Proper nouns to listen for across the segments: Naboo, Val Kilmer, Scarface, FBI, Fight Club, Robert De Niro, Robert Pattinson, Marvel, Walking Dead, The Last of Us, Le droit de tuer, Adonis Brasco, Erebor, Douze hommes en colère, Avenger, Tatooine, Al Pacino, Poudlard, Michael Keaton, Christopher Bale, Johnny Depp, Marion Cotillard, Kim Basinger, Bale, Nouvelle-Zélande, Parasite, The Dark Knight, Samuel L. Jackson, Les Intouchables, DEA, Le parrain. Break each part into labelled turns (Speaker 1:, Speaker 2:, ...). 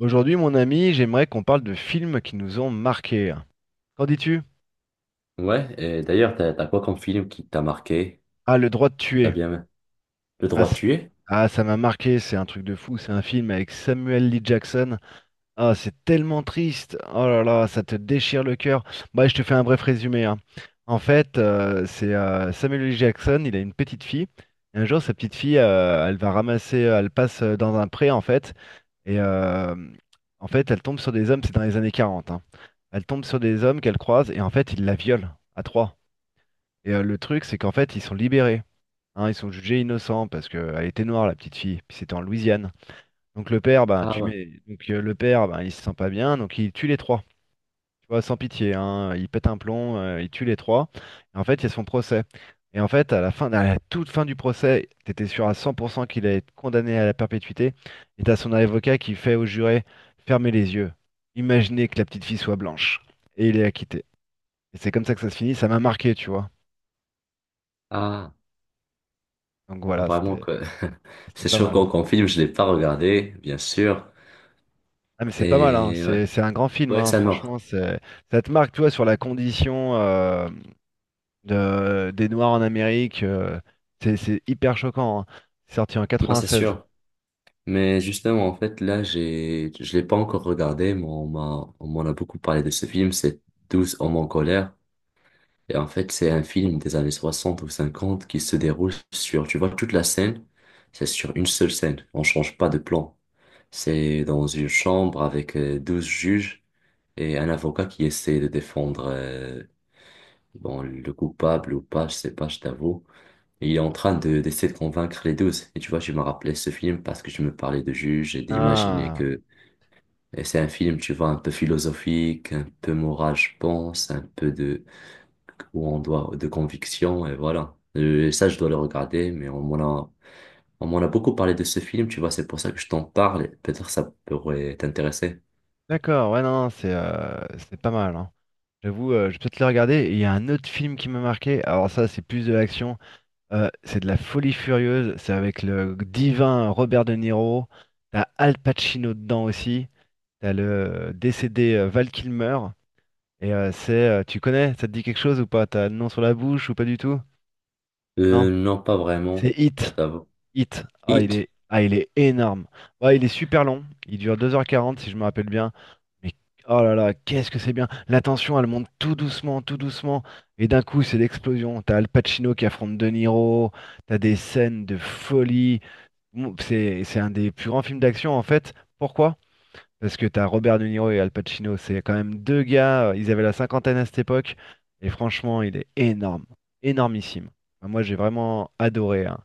Speaker 1: Aujourd'hui, mon ami, j'aimerais qu'on parle de films qui nous ont marqués. Qu'en dis-tu?
Speaker 2: Ouais, et d'ailleurs, t'as quoi comme film qui t'a marqué?
Speaker 1: Ah, Le droit de
Speaker 2: T'as
Speaker 1: tuer.
Speaker 2: bien aimé Le
Speaker 1: Ah,
Speaker 2: droit de
Speaker 1: c-
Speaker 2: tuer?
Speaker 1: ah, ça m'a marqué, c'est un truc de fou. C'est un film avec Samuel L. Jackson. Ah, c'est tellement triste. Oh là là, ça te déchire le cœur. Bah, je te fais un bref résumé, hein. En fait, c'est Samuel L. Jackson, il a une petite fille. Et un jour, sa petite fille, elle va ramasser, elle passe dans un pré, en fait. Et euh, en fait, elle tombe sur des hommes, c'est dans les années 40, hein. Elle tombe sur des hommes qu'elle croise et en fait, ils la violent à trois. Et le truc, c'est qu'en fait, ils sont libérés, hein, ils sont jugés innocents parce qu'elle était noire, la petite fille. Puis c'était en Louisiane. Donc le père, ben,
Speaker 2: Ah
Speaker 1: tu
Speaker 2: ouais.
Speaker 1: mets, donc le père, ben, il se sent pas bien, donc il tue les trois, tu vois, sans pitié, hein. Il pète un plomb, il tue les trois. Et en fait, il y a son procès. Et en fait, à la fin, à la toute fin du procès, t'étais sûr à 100% qu'il allait être condamné à la perpétuité. Et t'as son avocat qui fait au juré, fermez les yeux, imaginez que la petite fille soit blanche. Et il est acquitté. Et c'est comme ça que ça se finit, ça m'a marqué, tu vois.
Speaker 2: Ah,
Speaker 1: Donc voilà,
Speaker 2: vraiment
Speaker 1: c'était
Speaker 2: que
Speaker 1: c'était
Speaker 2: c'est
Speaker 1: pas mal.
Speaker 2: choquant comme film, je l'ai pas regardé, bien sûr.
Speaker 1: Ah mais c'est pas mal, hein.
Speaker 2: Et ouais,
Speaker 1: C'est un grand film,
Speaker 2: ouais,
Speaker 1: hein.
Speaker 2: ça
Speaker 1: Franchement,
Speaker 2: mort.
Speaker 1: c'est ça te marque, tu vois, sur la condition. Des Noirs en Amérique. C'est hyper choquant, hein. C'est sorti en
Speaker 2: Non, c'est
Speaker 1: 96.
Speaker 2: sûr. Mais justement, en fait, là, je l'ai pas encore regardé, mais on m'en a beaucoup parlé de ce film, c'est douze hommes en colère. Et en fait, c'est un film des années 60 ou 50 qui se déroule sur, tu vois, toute la scène, c'est sur une seule scène. On change pas de plan. C'est dans une chambre avec 12 juges et un avocat qui essaie de défendre bon, le coupable ou pas, je sais pas, je t'avoue. Et il est en train d'essayer de convaincre les douze. Et tu vois, je me rappelais ce film parce que je me parlais de juges et d'imaginer
Speaker 1: Ah,
Speaker 2: que et c'est un film, tu vois, un peu philosophique, un peu moral, je pense, un peu de où on doit de conviction et voilà. Ça, je dois le regarder, mais on m'en a beaucoup parlé de ce film, tu vois, c'est pour ça que je t'en parle. Et peut-être ça pourrait t'intéresser.
Speaker 1: d'accord, ouais, non, non, c'est pas mal, hein. J'avoue, je vais peut-être le regarder. Et il y a un autre film qui m'a marqué. Alors, ça, c'est plus de l'action. C'est de la folie furieuse. C'est avec le divin Robert De Niro. T'as Al Pacino dedans aussi. T'as le décédé Val Kilmer. Et c'est. Tu connais? Ça te dit quelque chose ou pas? T'as le nom sur la bouche ou pas du tout? Non?
Speaker 2: Non, pas vraiment,
Speaker 1: C'est
Speaker 2: je
Speaker 1: Hit.
Speaker 2: t'avoue.
Speaker 1: Hit. Ah,
Speaker 2: Hit,
Speaker 1: il est énorme. Ouais, il est super long. Il dure 2h40 si je me rappelle bien. Mais oh là là, qu'est-ce que c'est bien. La tension, elle monte tout doucement, tout doucement. Et d'un coup, c'est l'explosion. T'as Al Pacino qui affronte De Niro. T'as des scènes de folie. Bon, c'est un des plus grands films d'action en fait. Pourquoi? Parce que t'as Robert De Niro et Al Pacino. C'est quand même deux gars. Ils avaient la cinquantaine à cette époque. Et franchement, il est énorme. Énormissime. Enfin, moi, j'ai vraiment adoré, hein.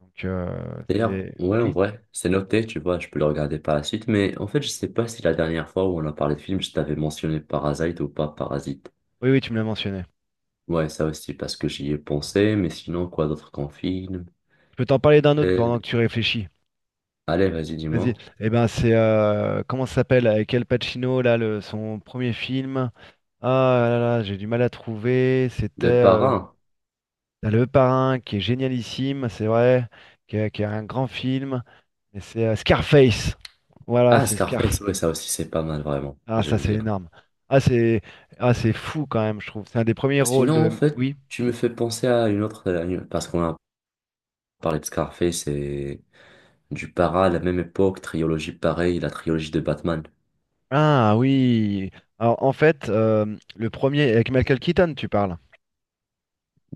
Speaker 1: Donc,
Speaker 2: d'ailleurs,
Speaker 1: c'est...
Speaker 2: ouais, en
Speaker 1: Oui?
Speaker 2: vrai, c'est noté, tu vois, je peux le regarder par la suite, mais en fait, je sais pas si la dernière fois où on a parlé de film, je t'avais mentionné Parasite ou pas Parasite.
Speaker 1: Oui, oui, tu me l'as mentionné.
Speaker 2: Ouais, ça aussi, parce que j'y ai pensé, mais sinon, quoi d'autre qu'en film?
Speaker 1: Je peux t'en parler d'un autre
Speaker 2: Euh,
Speaker 1: pendant que tu réfléchis.
Speaker 2: allez, vas-y,
Speaker 1: Vas-y.
Speaker 2: dis-moi.
Speaker 1: Eh ben, c'est... comment ça s'appelle? Avec Al Pacino, là, son premier film. Ah là là, j'ai du mal à trouver. C'était
Speaker 2: Le Parrain.
Speaker 1: T'as Le Parrain, qui est génialissime, c'est vrai, qui est un grand film. Et c'est Scarface. Voilà,
Speaker 2: Ah,
Speaker 1: c'est Scarface.
Speaker 2: Scarface, ouais, ça aussi, c'est pas mal, vraiment.
Speaker 1: Ah, ça,
Speaker 2: J'aime
Speaker 1: c'est
Speaker 2: bien.
Speaker 1: énorme. Ah, c'est fou quand même, je trouve. C'est un des premiers rôles
Speaker 2: Sinon, en
Speaker 1: de...
Speaker 2: fait,
Speaker 1: Oui?
Speaker 2: tu me fais penser à une autre, parce qu'on a parlé de Scarface et du Para à la même époque, trilogie pareille, la trilogie de Batman.
Speaker 1: Ah oui. Alors en fait, le premier avec Michael Keaton, tu parles.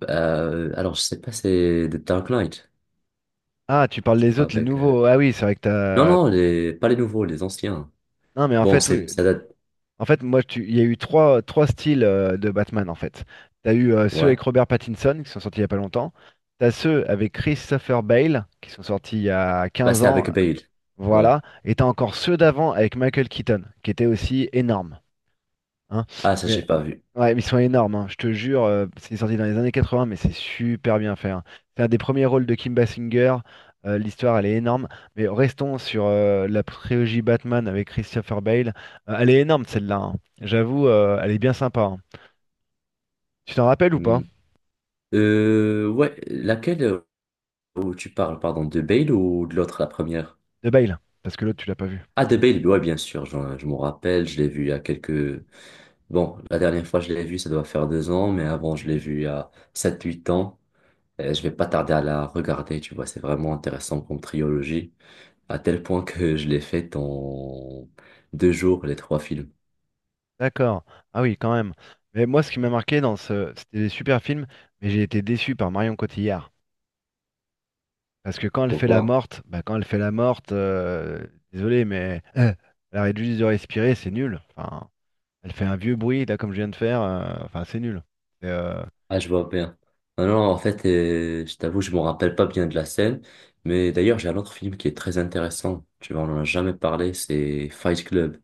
Speaker 2: Alors, je sais pas, c'est The Dark Knight,
Speaker 1: Ah, tu parles
Speaker 2: tu
Speaker 1: des
Speaker 2: vois,
Speaker 1: autres, les
Speaker 2: avec...
Speaker 1: nouveaux. Ah oui, c'est vrai que
Speaker 2: Non,
Speaker 1: t'as.
Speaker 2: non, pas les nouveaux, les anciens.
Speaker 1: Non, mais en
Speaker 2: Bon,
Speaker 1: fait, oui.
Speaker 2: ça date.
Speaker 1: En fait, moi, tu... il y a eu trois styles de Batman, en fait. T'as eu ceux avec
Speaker 2: Ouais.
Speaker 1: Robert Pattinson qui sont sortis il y a pas longtemps. T'as ceux avec Christopher Bale qui sont sortis il y a
Speaker 2: Bah,
Speaker 1: 15
Speaker 2: c'est
Speaker 1: ans.
Speaker 2: avec Bale. Ouais.
Speaker 1: Voilà. Et t'as encore ceux d'avant avec Michael Keaton, qui étaient aussi énormes, hein.
Speaker 2: Ah, ça,
Speaker 1: Mais
Speaker 2: j'ai pas vu.
Speaker 1: Ouais, mais ils sont énormes, hein, je te jure. C'est sorti dans les années 80, mais c'est super bien fait, hein. C'est un des premiers rôles de Kim Basinger. L'histoire, elle est énorme. Mais restons sur la trilogie Batman avec Christopher Bale. Elle est énorme, celle-là, hein. J'avoue, elle est bien sympa, hein. Tu t'en rappelles ou pas?
Speaker 2: Hmm. Ouais, laquelle où tu parles, pardon, de Bale ou de l'autre, la première?
Speaker 1: De Bale, parce que l'autre, tu l'as pas vu.
Speaker 2: Ah, The Babe, ouais, bien sûr, je m'en rappelle, je l'ai vu il y a quelques. Bon, la dernière fois, je l'ai vu, ça doit faire 2 ans, mais avant, je l'ai vu il y a 7-8 ans. Je vais pas tarder à la regarder, tu vois, c'est vraiment intéressant comme trilogie, à tel point que je l'ai faite en 2 jours, les trois films.
Speaker 1: D'accord. Ah oui, quand même. Mais moi, ce qui m'a marqué dans ce... C'était des super films, mais j'ai été déçu par Marion Cotillard. Parce que
Speaker 2: Pourquoi?
Speaker 1: quand elle fait la morte, désolé, mais elle arrête juste de respirer, c'est nul. Enfin, elle fait un vieux bruit, là, comme je viens de faire. Enfin, c'est nul. C'est, euh,
Speaker 2: Ah, je vois bien. Non, non, en fait, je t'avoue, je m'en rappelle pas bien de la scène, mais d'ailleurs, j'ai un autre film qui est très intéressant, tu vois, on en a jamais parlé, c'est Fight Club.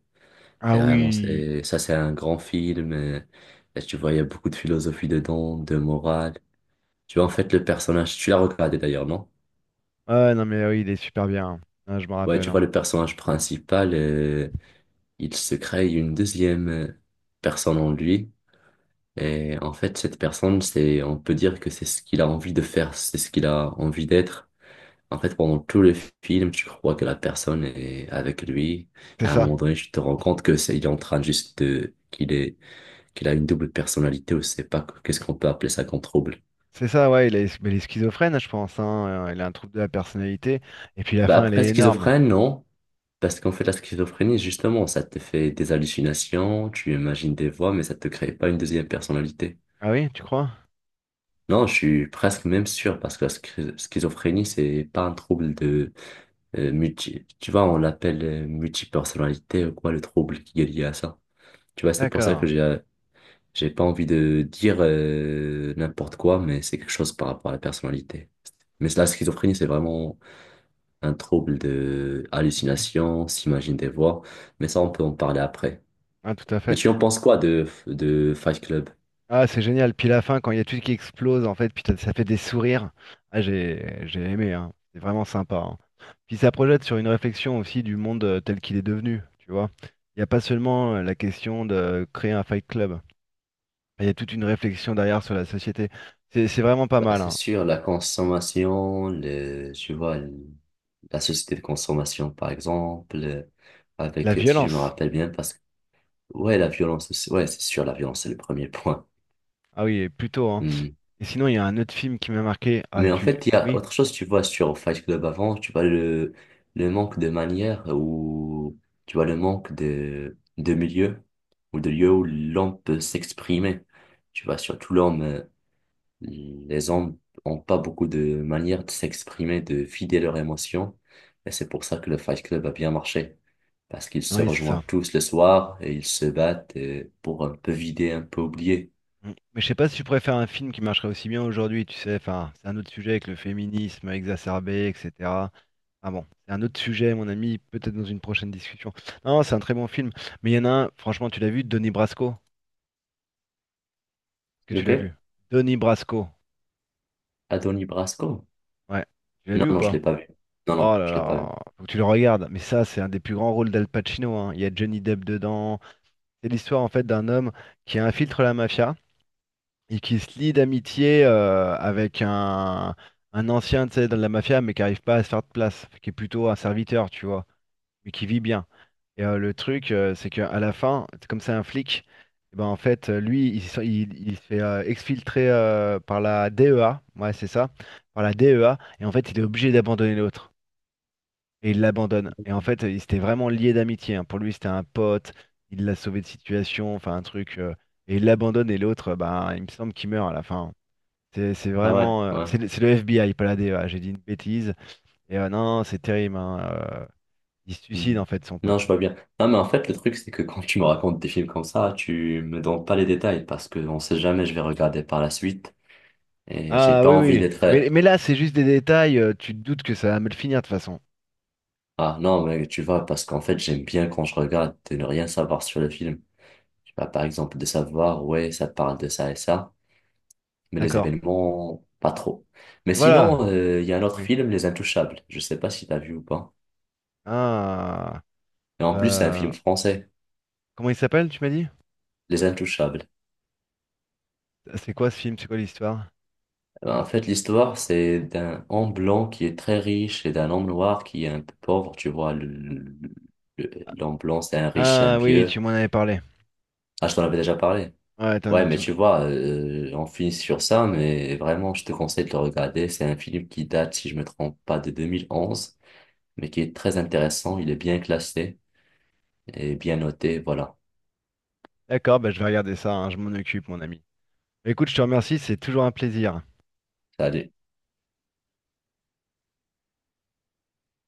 Speaker 1: Ah
Speaker 2: Et vraiment,
Speaker 1: oui.
Speaker 2: ça, c'est un grand film. Et, tu vois, il y a beaucoup de philosophie dedans, de morale. Tu vois, en fait, le personnage, tu l'as regardé d'ailleurs, non?
Speaker 1: Ah non, mais oui, il est super bien, hein. Ah, je me
Speaker 2: Ouais,
Speaker 1: rappelle,
Speaker 2: tu
Speaker 1: hein.
Speaker 2: vois, le personnage principal, il se crée une deuxième personne en lui. Et en fait, cette personne, on peut dire que c'est ce qu'il a envie de faire, c'est ce qu'il a envie d'être. En fait, pendant tout le film, tu crois que la personne est avec lui. Et
Speaker 1: C'est
Speaker 2: à un
Speaker 1: ça.
Speaker 2: moment donné, tu te rends compte que il est en train juste qu'il a une double personnalité ou c'est pas qu'est-ce qu'on peut appeler ça comme trouble.
Speaker 1: C'est ça, ouais. Mais il est schizophrène, je pense, hein. Il a un trouble de la personnalité. Et puis la
Speaker 2: Bah
Speaker 1: fin, elle
Speaker 2: après,
Speaker 1: est énorme.
Speaker 2: schizophrène, non. Parce qu'en fait, la schizophrénie, justement, ça te fait des hallucinations, tu imagines des voix, mais ça te crée pas une deuxième personnalité.
Speaker 1: Ah oui, tu crois?
Speaker 2: Non, je suis presque même sûr, parce que la schizophrénie, c'est pas un trouble de. Tu vois, on l'appelle multipersonnalité ou quoi, le trouble qui est lié à ça. Tu vois, c'est pour ça que
Speaker 1: D'accord.
Speaker 2: j'ai pas envie de dire n'importe quoi, mais c'est quelque chose par rapport à la personnalité. Mais la schizophrénie, c'est vraiment un trouble de hallucination, s'imagine des voix, mais ça, on peut en parler après.
Speaker 1: Ah, tout à
Speaker 2: Mais
Speaker 1: fait.
Speaker 2: tu en penses quoi de Fight Club?
Speaker 1: Ah, c'est génial. Puis la fin, quand il y a tout qui explose, en fait, puis ça fait des sourires. Ah, j'ai aimé, hein. C'est vraiment sympa, hein. Puis ça projette sur une réflexion aussi du monde tel qu'il est devenu, tu vois. Il n'y a pas seulement la question de créer un fight club. Il y a toute une réflexion derrière sur la société. C'est vraiment pas
Speaker 2: Bah,
Speaker 1: mal,
Speaker 2: c'est
Speaker 1: hein.
Speaker 2: sûr, la consommation, tu vois, la société de consommation, par exemple,
Speaker 1: La
Speaker 2: avec, si je me
Speaker 1: violence.
Speaker 2: rappelle bien, parce que, ouais, la violence, ouais, c'est sûr, la violence, c'est le premier point.
Speaker 1: Ah oui, plutôt, hein.
Speaker 2: Hmm.
Speaker 1: Et sinon, il y a un autre film qui m'a marqué. Ah,
Speaker 2: Mais en
Speaker 1: tu...
Speaker 2: fait, il y a
Speaker 1: Oui,
Speaker 2: autre chose, tu vois, sur Fight Club avant, tu vois le manque de manière ou tu vois le manque de milieu ou de lieu où l'homme peut s'exprimer. Tu vois, surtout l'homme, les hommes ont pas beaucoup de manières de s'exprimer, de vider leurs émotions. Et c'est pour ça que le Fight Club a bien marché. Parce qu'ils se
Speaker 1: oui, c'est
Speaker 2: rejoignent
Speaker 1: ça.
Speaker 2: tous le soir et ils se battent pour un peu vider, un peu oublier.
Speaker 1: Mm. Mais je sais pas si tu préfères un film qui marcherait aussi bien aujourd'hui, tu sais. Enfin, c'est un autre sujet avec le féminisme exacerbé, etc. Ah bon, c'est un autre sujet, mon ami, peut-être dans une prochaine discussion. Non, c'est un très bon film, mais il y en a un, franchement, tu l'as vu, Donnie Brasco, est-ce que tu l'as vu.
Speaker 2: Lequel?
Speaker 1: Donnie Brasco,
Speaker 2: Adonis Brasco?
Speaker 1: ouais, tu l'as
Speaker 2: Non,
Speaker 1: vu ou
Speaker 2: non, je
Speaker 1: pas?
Speaker 2: l'ai pas vu. Non,
Speaker 1: Oh
Speaker 2: non,
Speaker 1: là
Speaker 2: je l'ai pas vu.
Speaker 1: là, faut que tu le regardes, mais ça, c'est un des plus grands rôles d'Al Pacino, hein. Il y a Johnny Depp dedans. C'est l'histoire, en fait, d'un homme qui infiltre la mafia et qui se lie d'amitié avec un, ancien, tu sais, de la mafia, mais qui n'arrive pas à se faire de place, qui est plutôt un serviteur, tu vois, mais qui vit bien. Et le truc, c'est qu'à la fin, comme c'est un flic, eh ben, en fait, lui, il se fait exfiltrer par la DEA, ouais, c'est ça, par la DEA, et en fait, il est obligé d'abandonner l'autre. Et il l'abandonne. Et en fait, il s'était vraiment lié d'amitié, hein. Pour lui, c'était un pote, il l'a sauvé de situation, enfin un truc. Et il l'abandonne, et l'autre, ben, il me semble qu'il meurt à la fin. C'est
Speaker 2: Ah ouais,
Speaker 1: vraiment.
Speaker 2: ouais.
Speaker 1: C'est le FBI, pas la DEA, j'ai dit une bêtise. Non, c'est terrible, hein, il se suicide,
Speaker 2: Hmm.
Speaker 1: en fait, son
Speaker 2: Non, je
Speaker 1: pote.
Speaker 2: vois bien. Non, mais en fait, le truc, c'est que quand tu me racontes des films comme ça, tu me donnes pas les détails parce que on sait jamais, je vais regarder par la suite et j'ai
Speaker 1: Ah
Speaker 2: pas
Speaker 1: oui,
Speaker 2: envie
Speaker 1: oui.
Speaker 2: d'être.
Speaker 1: Mais là, c'est juste des détails. Tu te doutes que ça va mal finir de toute façon.
Speaker 2: Ah non, mais tu vois, parce qu'en fait, j'aime bien quand je regarde de ne rien savoir sur le film. Tu vois, par exemple, de savoir, ouais, ça parle de ça et ça, mais les
Speaker 1: D'accord.
Speaker 2: événements, pas trop. Mais
Speaker 1: Voilà.
Speaker 2: sinon, il y a un autre
Speaker 1: Oui.
Speaker 2: film, Les Intouchables. Je sais pas si t'as vu ou pas.
Speaker 1: Ah.
Speaker 2: Et en plus, c'est un
Speaker 1: Euh,
Speaker 2: film français,
Speaker 1: Comment il s'appelle, tu m'as dit?
Speaker 2: Les Intouchables.
Speaker 1: C'est quoi ce film? C'est quoi l'histoire?
Speaker 2: Eh ben, en fait, l'histoire, c'est d'un homme blanc qui est très riche et d'un homme noir qui est un peu pauvre. Tu vois, l'homme blanc, c'est un riche, un
Speaker 1: Ah oui,
Speaker 2: vieux.
Speaker 1: tu m'en avais parlé.
Speaker 2: Ah, je t'en avais déjà parlé.
Speaker 1: Ouais, t'en-
Speaker 2: Ouais, mais
Speaker 1: tu m'en-
Speaker 2: tu vois, on finit sur ça, mais vraiment, je te conseille de le regarder. C'est un film qui date, si je me trompe pas, de 2011, mais qui est très intéressant. Il est bien classé et bien noté. Voilà.
Speaker 1: D'accord, bah, je vais regarder ça, hein. Je m'en occupe, mon ami. Écoute, je te remercie. C'est toujours un plaisir.
Speaker 2: Salut.